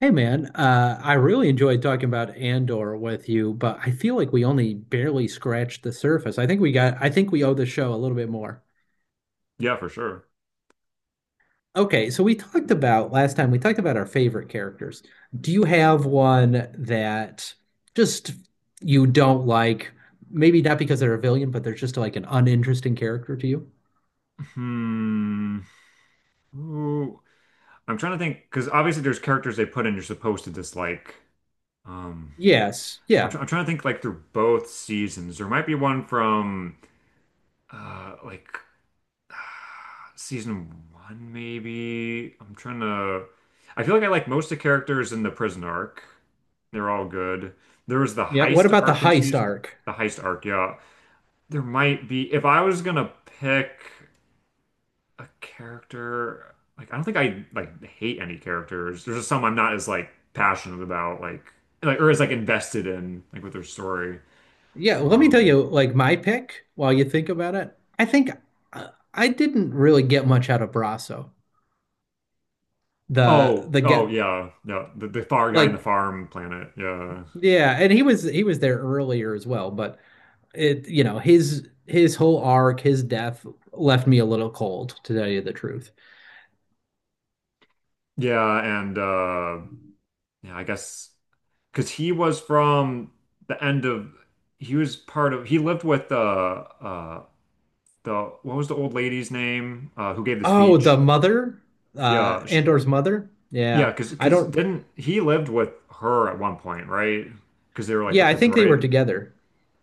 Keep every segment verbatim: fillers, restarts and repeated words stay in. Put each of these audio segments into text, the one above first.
Hey man, uh, I really enjoyed talking about Andor with you, but I feel like we only barely scratched the surface. I think we got, I think we owe the show a little bit more. Yeah, for sure. Okay, so we talked about last time, we talked about our favorite characters. Do you have one that just you don't like? Maybe not because they're a villain, but they're just like an uninteresting character to you? Hmm. Ooh. I'm trying to think because obviously there's characters they put in you're supposed to dislike. Um, Yes. I'm, Yeah. try I'm trying to think like through both seasons. There might be one from uh like season one maybe. I'm trying to. I feel like I like most of the characters in the prison arc. They're all good. There was the Yeah. What heist about the arc in heist season. arc? The heist arc, yeah. There might be if I was gonna pick. A character, like I don't think I like hate any characters. There's just some I'm not as like passionate about like like or as like invested in like with their story. Yeah, let me tell Um you, like my pick, while you think about it, I think uh, I didn't really get much out of Brasso. The oh, the oh, get yeah, yeah, the, the far guy in the like farm planet, yeah. yeah, and he was he was there earlier as well, but it you know his his whole arc, his death left me a little cold, to tell you the truth. Yeah, and uh yeah, I guess because he was from the end of he was part of he lived with the uh the what was the old lady's name, uh who gave the Oh, the speech? mother, uh, yeah sh Andor's mother. Yeah, Yeah, because I because don't. didn't he lived with her at one point, right? Because they were like Yeah, with I the think they were droid. together.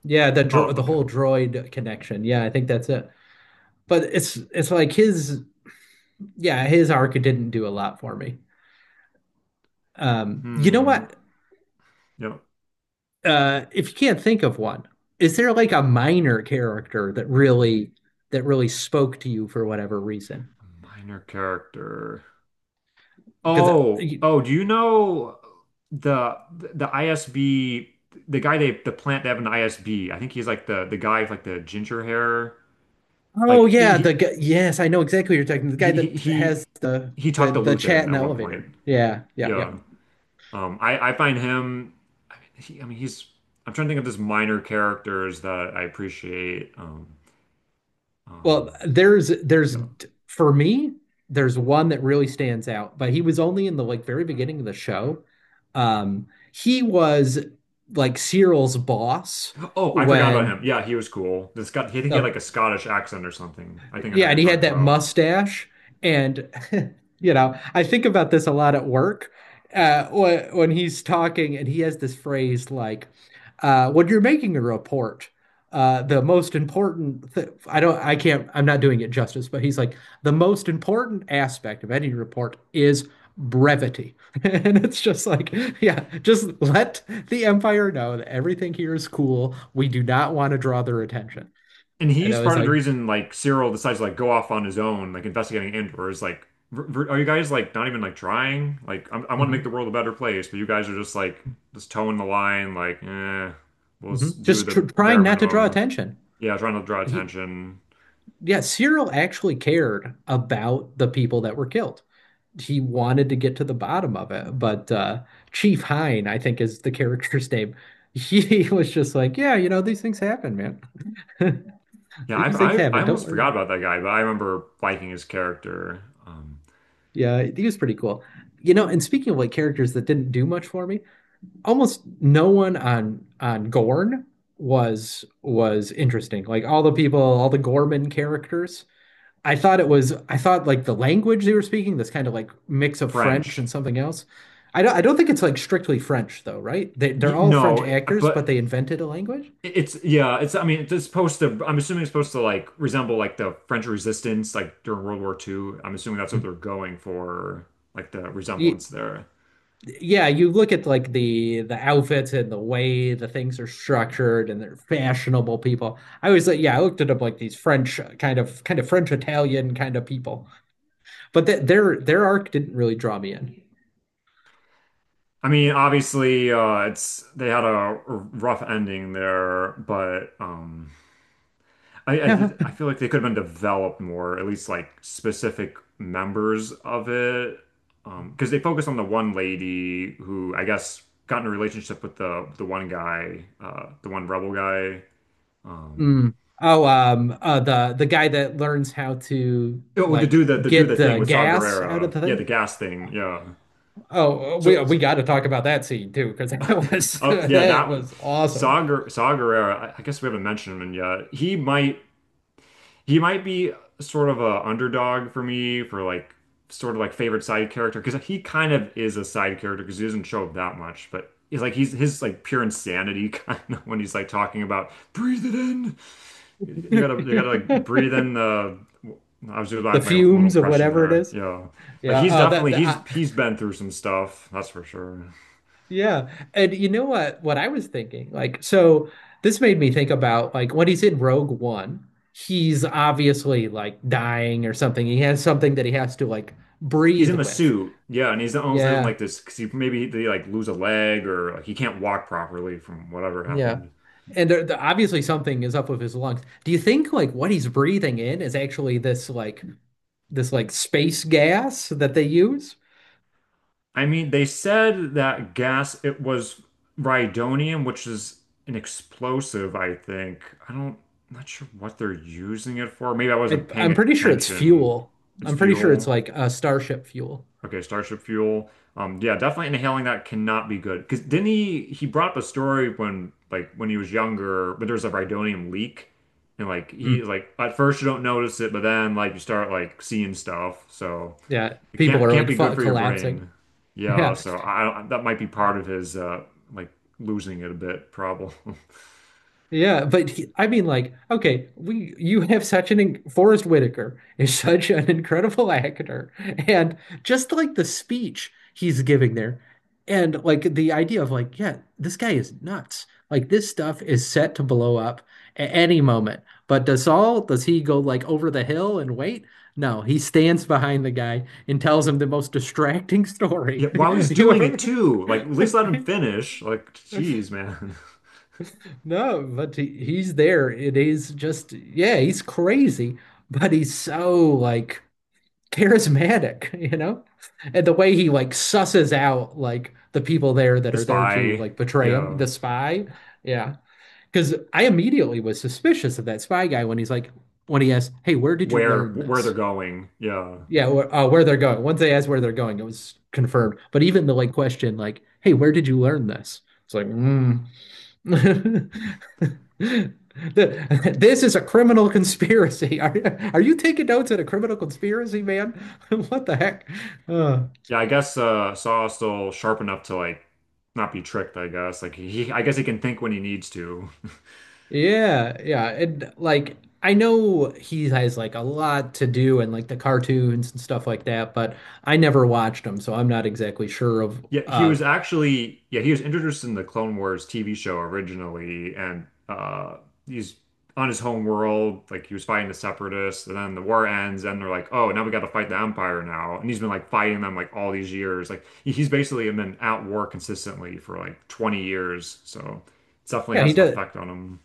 Yeah, the dro Oh, the okay. whole droid connection. Yeah, I think that's it. But it's it's like his yeah, his arc didn't do a lot for me. Um, you know Hmm. what? Yep. Uh, if you can't think of one, is there like a minor character that really that really spoke to you for whatever reason? Minor character. Because uh, Oh, you, oh. Do you know the the I S B? The guy they the plant they have an I S B. I think he's like the the guy with like the ginger hair. oh Like yeah, the he guy, yes, I know exactly what you're talking. The guy he he that has he, the he the talked to the chat Luthen in the at one point. elevator. Yeah, yeah, yeah. Yeah. Um, I I find him. I mean, he, I mean, he's. I'm trying to think of just minor characters that I appreciate. Um, um, Well, there's there's no. for me, there's one that really stands out, but he was only in the like very beginning of the show. Um, he was like Cyril's boss Oh, I forgot about when him. Yeah, he was cool. The Scot. I think he had the like a Scottish accent or something. I think I know yeah, what you're and he had talking that about. mustache, and you know, I think about this a lot at work. Uh, when, when he's talking, and he has this phrase like, uh, "When you're making a report, uh, the most important th I don't, I can't, I'm not doing it justice, but he's like, the most important aspect of any report is brevity," and it's just like, yeah, just let the Empire know that everything here is cool. We do not want to draw their attention. And And I he's was part of the like, reason like Cyril decides to like go off on his own, like investigating Andor. Is like, "V- v- are you guys like not even like trying? Like, I'm, I want to make the mhm. world a better place, but you guys are just like just toeing the line. Like, eh, we'll Hmm. s- do Just tr the trying bare not to draw minimum." attention. Yeah, trying to draw He, attention. yeah, Cyril actually cared about the people that were killed. He wanted to get to the bottom of it, but uh, Chief Hine, I think, is the character's name. He was just like, yeah, you know, these things happen, man. Yeah, I've, These things I've I happen. Don't almost worry forgot about it. about that guy, but I remember liking his character. Um, Yeah, he was pretty cool. You know, and speaking of like characters that didn't do much for me, almost no one on on Gorn was was interesting. Like all the people, all the Gorman characters I thought it was I thought like the language they were speaking, this kind of like mix of French and French. something else. I don't I don't think it's like strictly French though, right? They they're Y- all French no, it- actors, but but they invented a language. it's yeah, it's I mean it's supposed to I'm assuming it's supposed to like resemble like the French Resistance like during World War the Second. I'm assuming that's what Hmm. they're going for, like the Ye- resemblance there. Yeah, you look at like the the outfits and the way the things are structured and they're fashionable people. I was like, yeah, I looked at them like these French uh, kind of kind of French Italian kind of people. But th their their arc didn't really draw me in. I mean, obviously, uh, it's they had a rough ending there, but um, I I, Yeah. did, I feel like they could have been developed more, at least like specific members of it, um, because they focus on the one lady who I guess got in a relationship with the the one guy, uh, the one rebel guy. Um, Mm. Oh, um, uh, the the guy that learns how to oh, to like do the to do get the thing the with Saw gas out of Gerrera, the yeah, the thing. gas thing, yeah. Oh, uh, we So, uh, we got to talk about that scene too, because that was oh yeah, that that one, was awesome. Saw Ger- Saw Gerrera. I, I guess we haven't mentioned him yet. He might. He might be sort of a underdog for me for like sort of like favorite side character, because he kind of is a side character because he doesn't show up that much, but he's like he's his like pure insanity kind of when he's like talking about breathe it in. You gotta you gotta like breathe in the. I was doing The like my little fumes of impression whatever it there. is. Yeah, like Yeah. he's Oh, that, definitely that he's I, he's been through some stuff. That's for sure. yeah. And you know what? What I was thinking, like, so this made me think about like when he's in Rogue One, he's obviously like dying or something. He has something that he has to like He's breathe in a with. suit, yeah, and he's almost Yeah. like this because he maybe they like lose a leg or like he can't walk properly from whatever Yeah. happened. And there, there- obviously something is up with his lungs. Do you think like what he's breathing in is actually this like? This like space gas that they use. I mean, they said that gas, it was rhydonium, which is an explosive, I think. I don't, I'm not sure what they're using it for. Maybe I I, wasn't paying I'm pretty sure it's attention. fuel. It's I'm pretty sure it's fuel. like a starship fuel. Okay, Starship fuel. Um, yeah, definitely inhaling that cannot be good. Because didn't he, he brought up a story when, like, when he was younger, but there was a rhydonium leak. And, like, he, Mm, like, at first you don't notice it, but then, like, you start, like, seeing stuff. So. yeah, It people can't are can't like be good fu- for your collapsing. brain. Yeah, Yeah. so I that might be part of his uh like losing it a bit problem. Yeah, but he- I mean, like, okay, we you have such an in- Forrest Whitaker is such an incredible actor, and just like the speech he's giving there, and like the idea of like, yeah, this guy is nuts. Like this stuff is set to blow up at any moment. But does Saul, does he go like over the hill and wait? No, he stands behind the guy and tells him the most distracting story. Yeah, while he's doing it You too, like at least let him finish. Like, ever- geez, man, No, but he, he's there. It is just, yeah, he's crazy, but he's so like charismatic, you know? And the way he like susses out like the people there that the are there to spy. like betray him, Yeah, the spy. Yeah. Because I immediately was suspicious of that spy guy when he's like, when he asked, "Hey, where did you where learn where they're this?" going. Yeah, Yeah, wh uh, where they're going. Once they asked where they're going, it was confirmed. But even the like question, like, "Hey, where did you learn this?" It's like, mm. The- This is a criminal conspiracy. Are, are you taking notes at a criminal conspiracy, man? What the heck? Uh, yeah. I guess uh, Saw's still sharp enough to like not be tricked. I guess like he, I guess he can think when he needs to. yeah, yeah. And like, I know he has like a lot to do and like the cartoons and stuff like that, but I never watched him, so I'm not exactly sure of Yeah, he was of actually yeah, he was introduced in the Clone Wars T V show originally, and uh he's on his home world, like he was fighting the Separatists, and then the war ends, and they're like, oh, now we got to fight the Empire now, and he's been like fighting them like all these years, like he- he's basically been at war consistently for like twenty years, so it definitely yeah, he has an does. effect on him.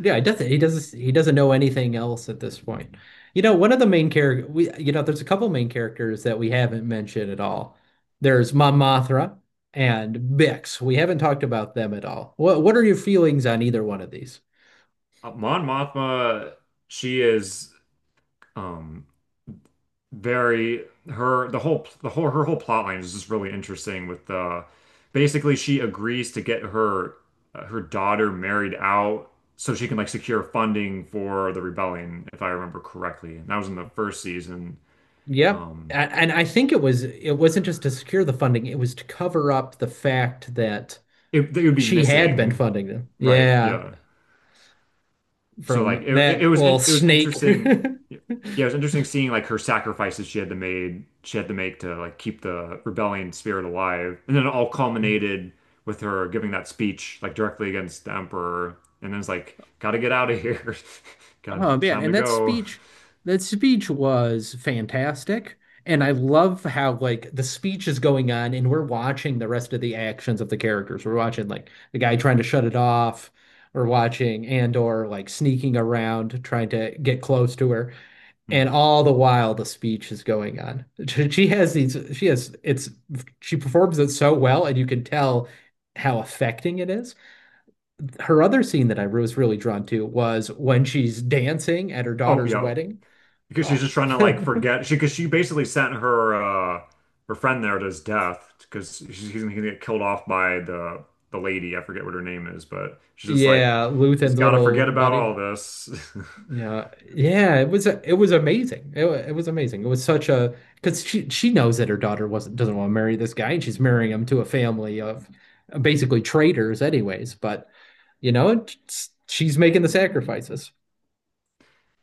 Yeah, he doesn't. He doesn't. He doesn't know anything else at this point. You know, one of the main character we, you know, there's a couple main characters that we haven't mentioned at all. There's Mon Mothma and Bix. We haven't talked about them at all. What What are your feelings on either one of these? Uh, Mon Mothma, she is. Um, very her the whole the whole her whole plot line is just really interesting with uh basically she agrees to get her uh, her daughter married out so she can like secure funding for the rebellion if I remember correctly, and that was in the first season. Yep. A- um And I think it was it wasn't just to secure the funding, it was to cover up the fact that it, it would be she had been missing, funding them. right, Yeah, yeah. So like from it that it was little in, it was snake. interesting. Yeah, it was interesting seeing like her sacrifices she had to made she had to make to like keep the rebellion spirit alive, and then it all culminated with her giving that speech like directly against the emperor, and then it's like gotta get out of here, gotta Oh it's man, time to and that go. speech, that speech was fantastic. And I love how like the speech is going on and we're watching the rest of the actions of the characters. We're watching like the guy trying to shut it off. We're watching Andor like sneaking around trying to get close to her. And Hmm. all the while the speech is going on. She has these, she has it's she performs it so well and you can tell how affecting it is. Her other scene that I was really drawn to was when she's dancing at her Oh daughter's yeah, wedding. because she's Oh, just trying to like forget she because she basically sent her uh her friend there to his death because she's he's gonna get killed off by the the lady. I forget what her name is, but she's just like yeah, just Luthen's gotta little forget about all buddy. this. Yeah, yeah, it was it was amazing. It, wa- it was amazing. It was such a because she she knows that her daughter wasn't doesn't want to marry this guy, and she's marrying him to a family of basically traitors, anyways. But you know, it's- she's making the sacrifices.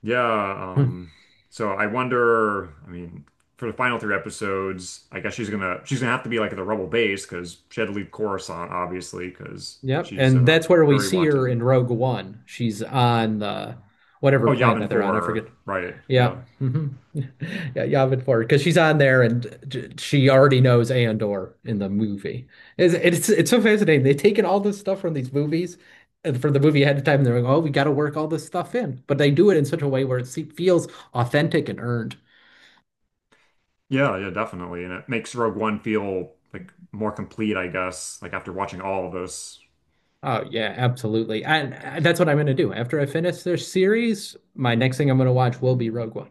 Yeah, Mm. um so I wonder, I mean, for the final three episodes, I guess she's gonna she's gonna have to be like at the rebel base because she had to leave Coruscant, obviously, because Yep, she's and uh that's where we very see her wanted. in Rogue One. She's on the whatever Oh, planet Yavin they're on. I four, forget. right, yeah. Yeah. Mhm. Yeah, Yavin four because she's on there and j- she already knows Andor in the movie. It's, it's it's so fascinating. They've taken all this stuff from these movies and from the movie ahead of time and they're like, "Oh, we got to work all this stuff in." But they do it in such a way where it se- feels authentic and earned. Yeah, yeah, definitely. And it makes Rogue One feel like more complete, I guess, like after watching all of those. Oh, yeah, absolutely. And and that's what I'm going to do. After I finish this series, my next thing I'm going to watch will be Rogue One.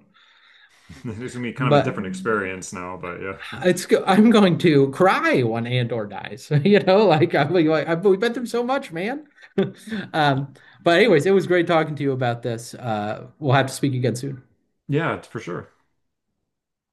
It's gonna be kind of a But different experience now, but yeah. it's I'm going to cry when Andor dies. You know, like I'm like like, I've, we've been through so much, man. Um, but anyways, it was great talking to you about this. Uh, we'll have to speak again soon. Yeah, it's for sure.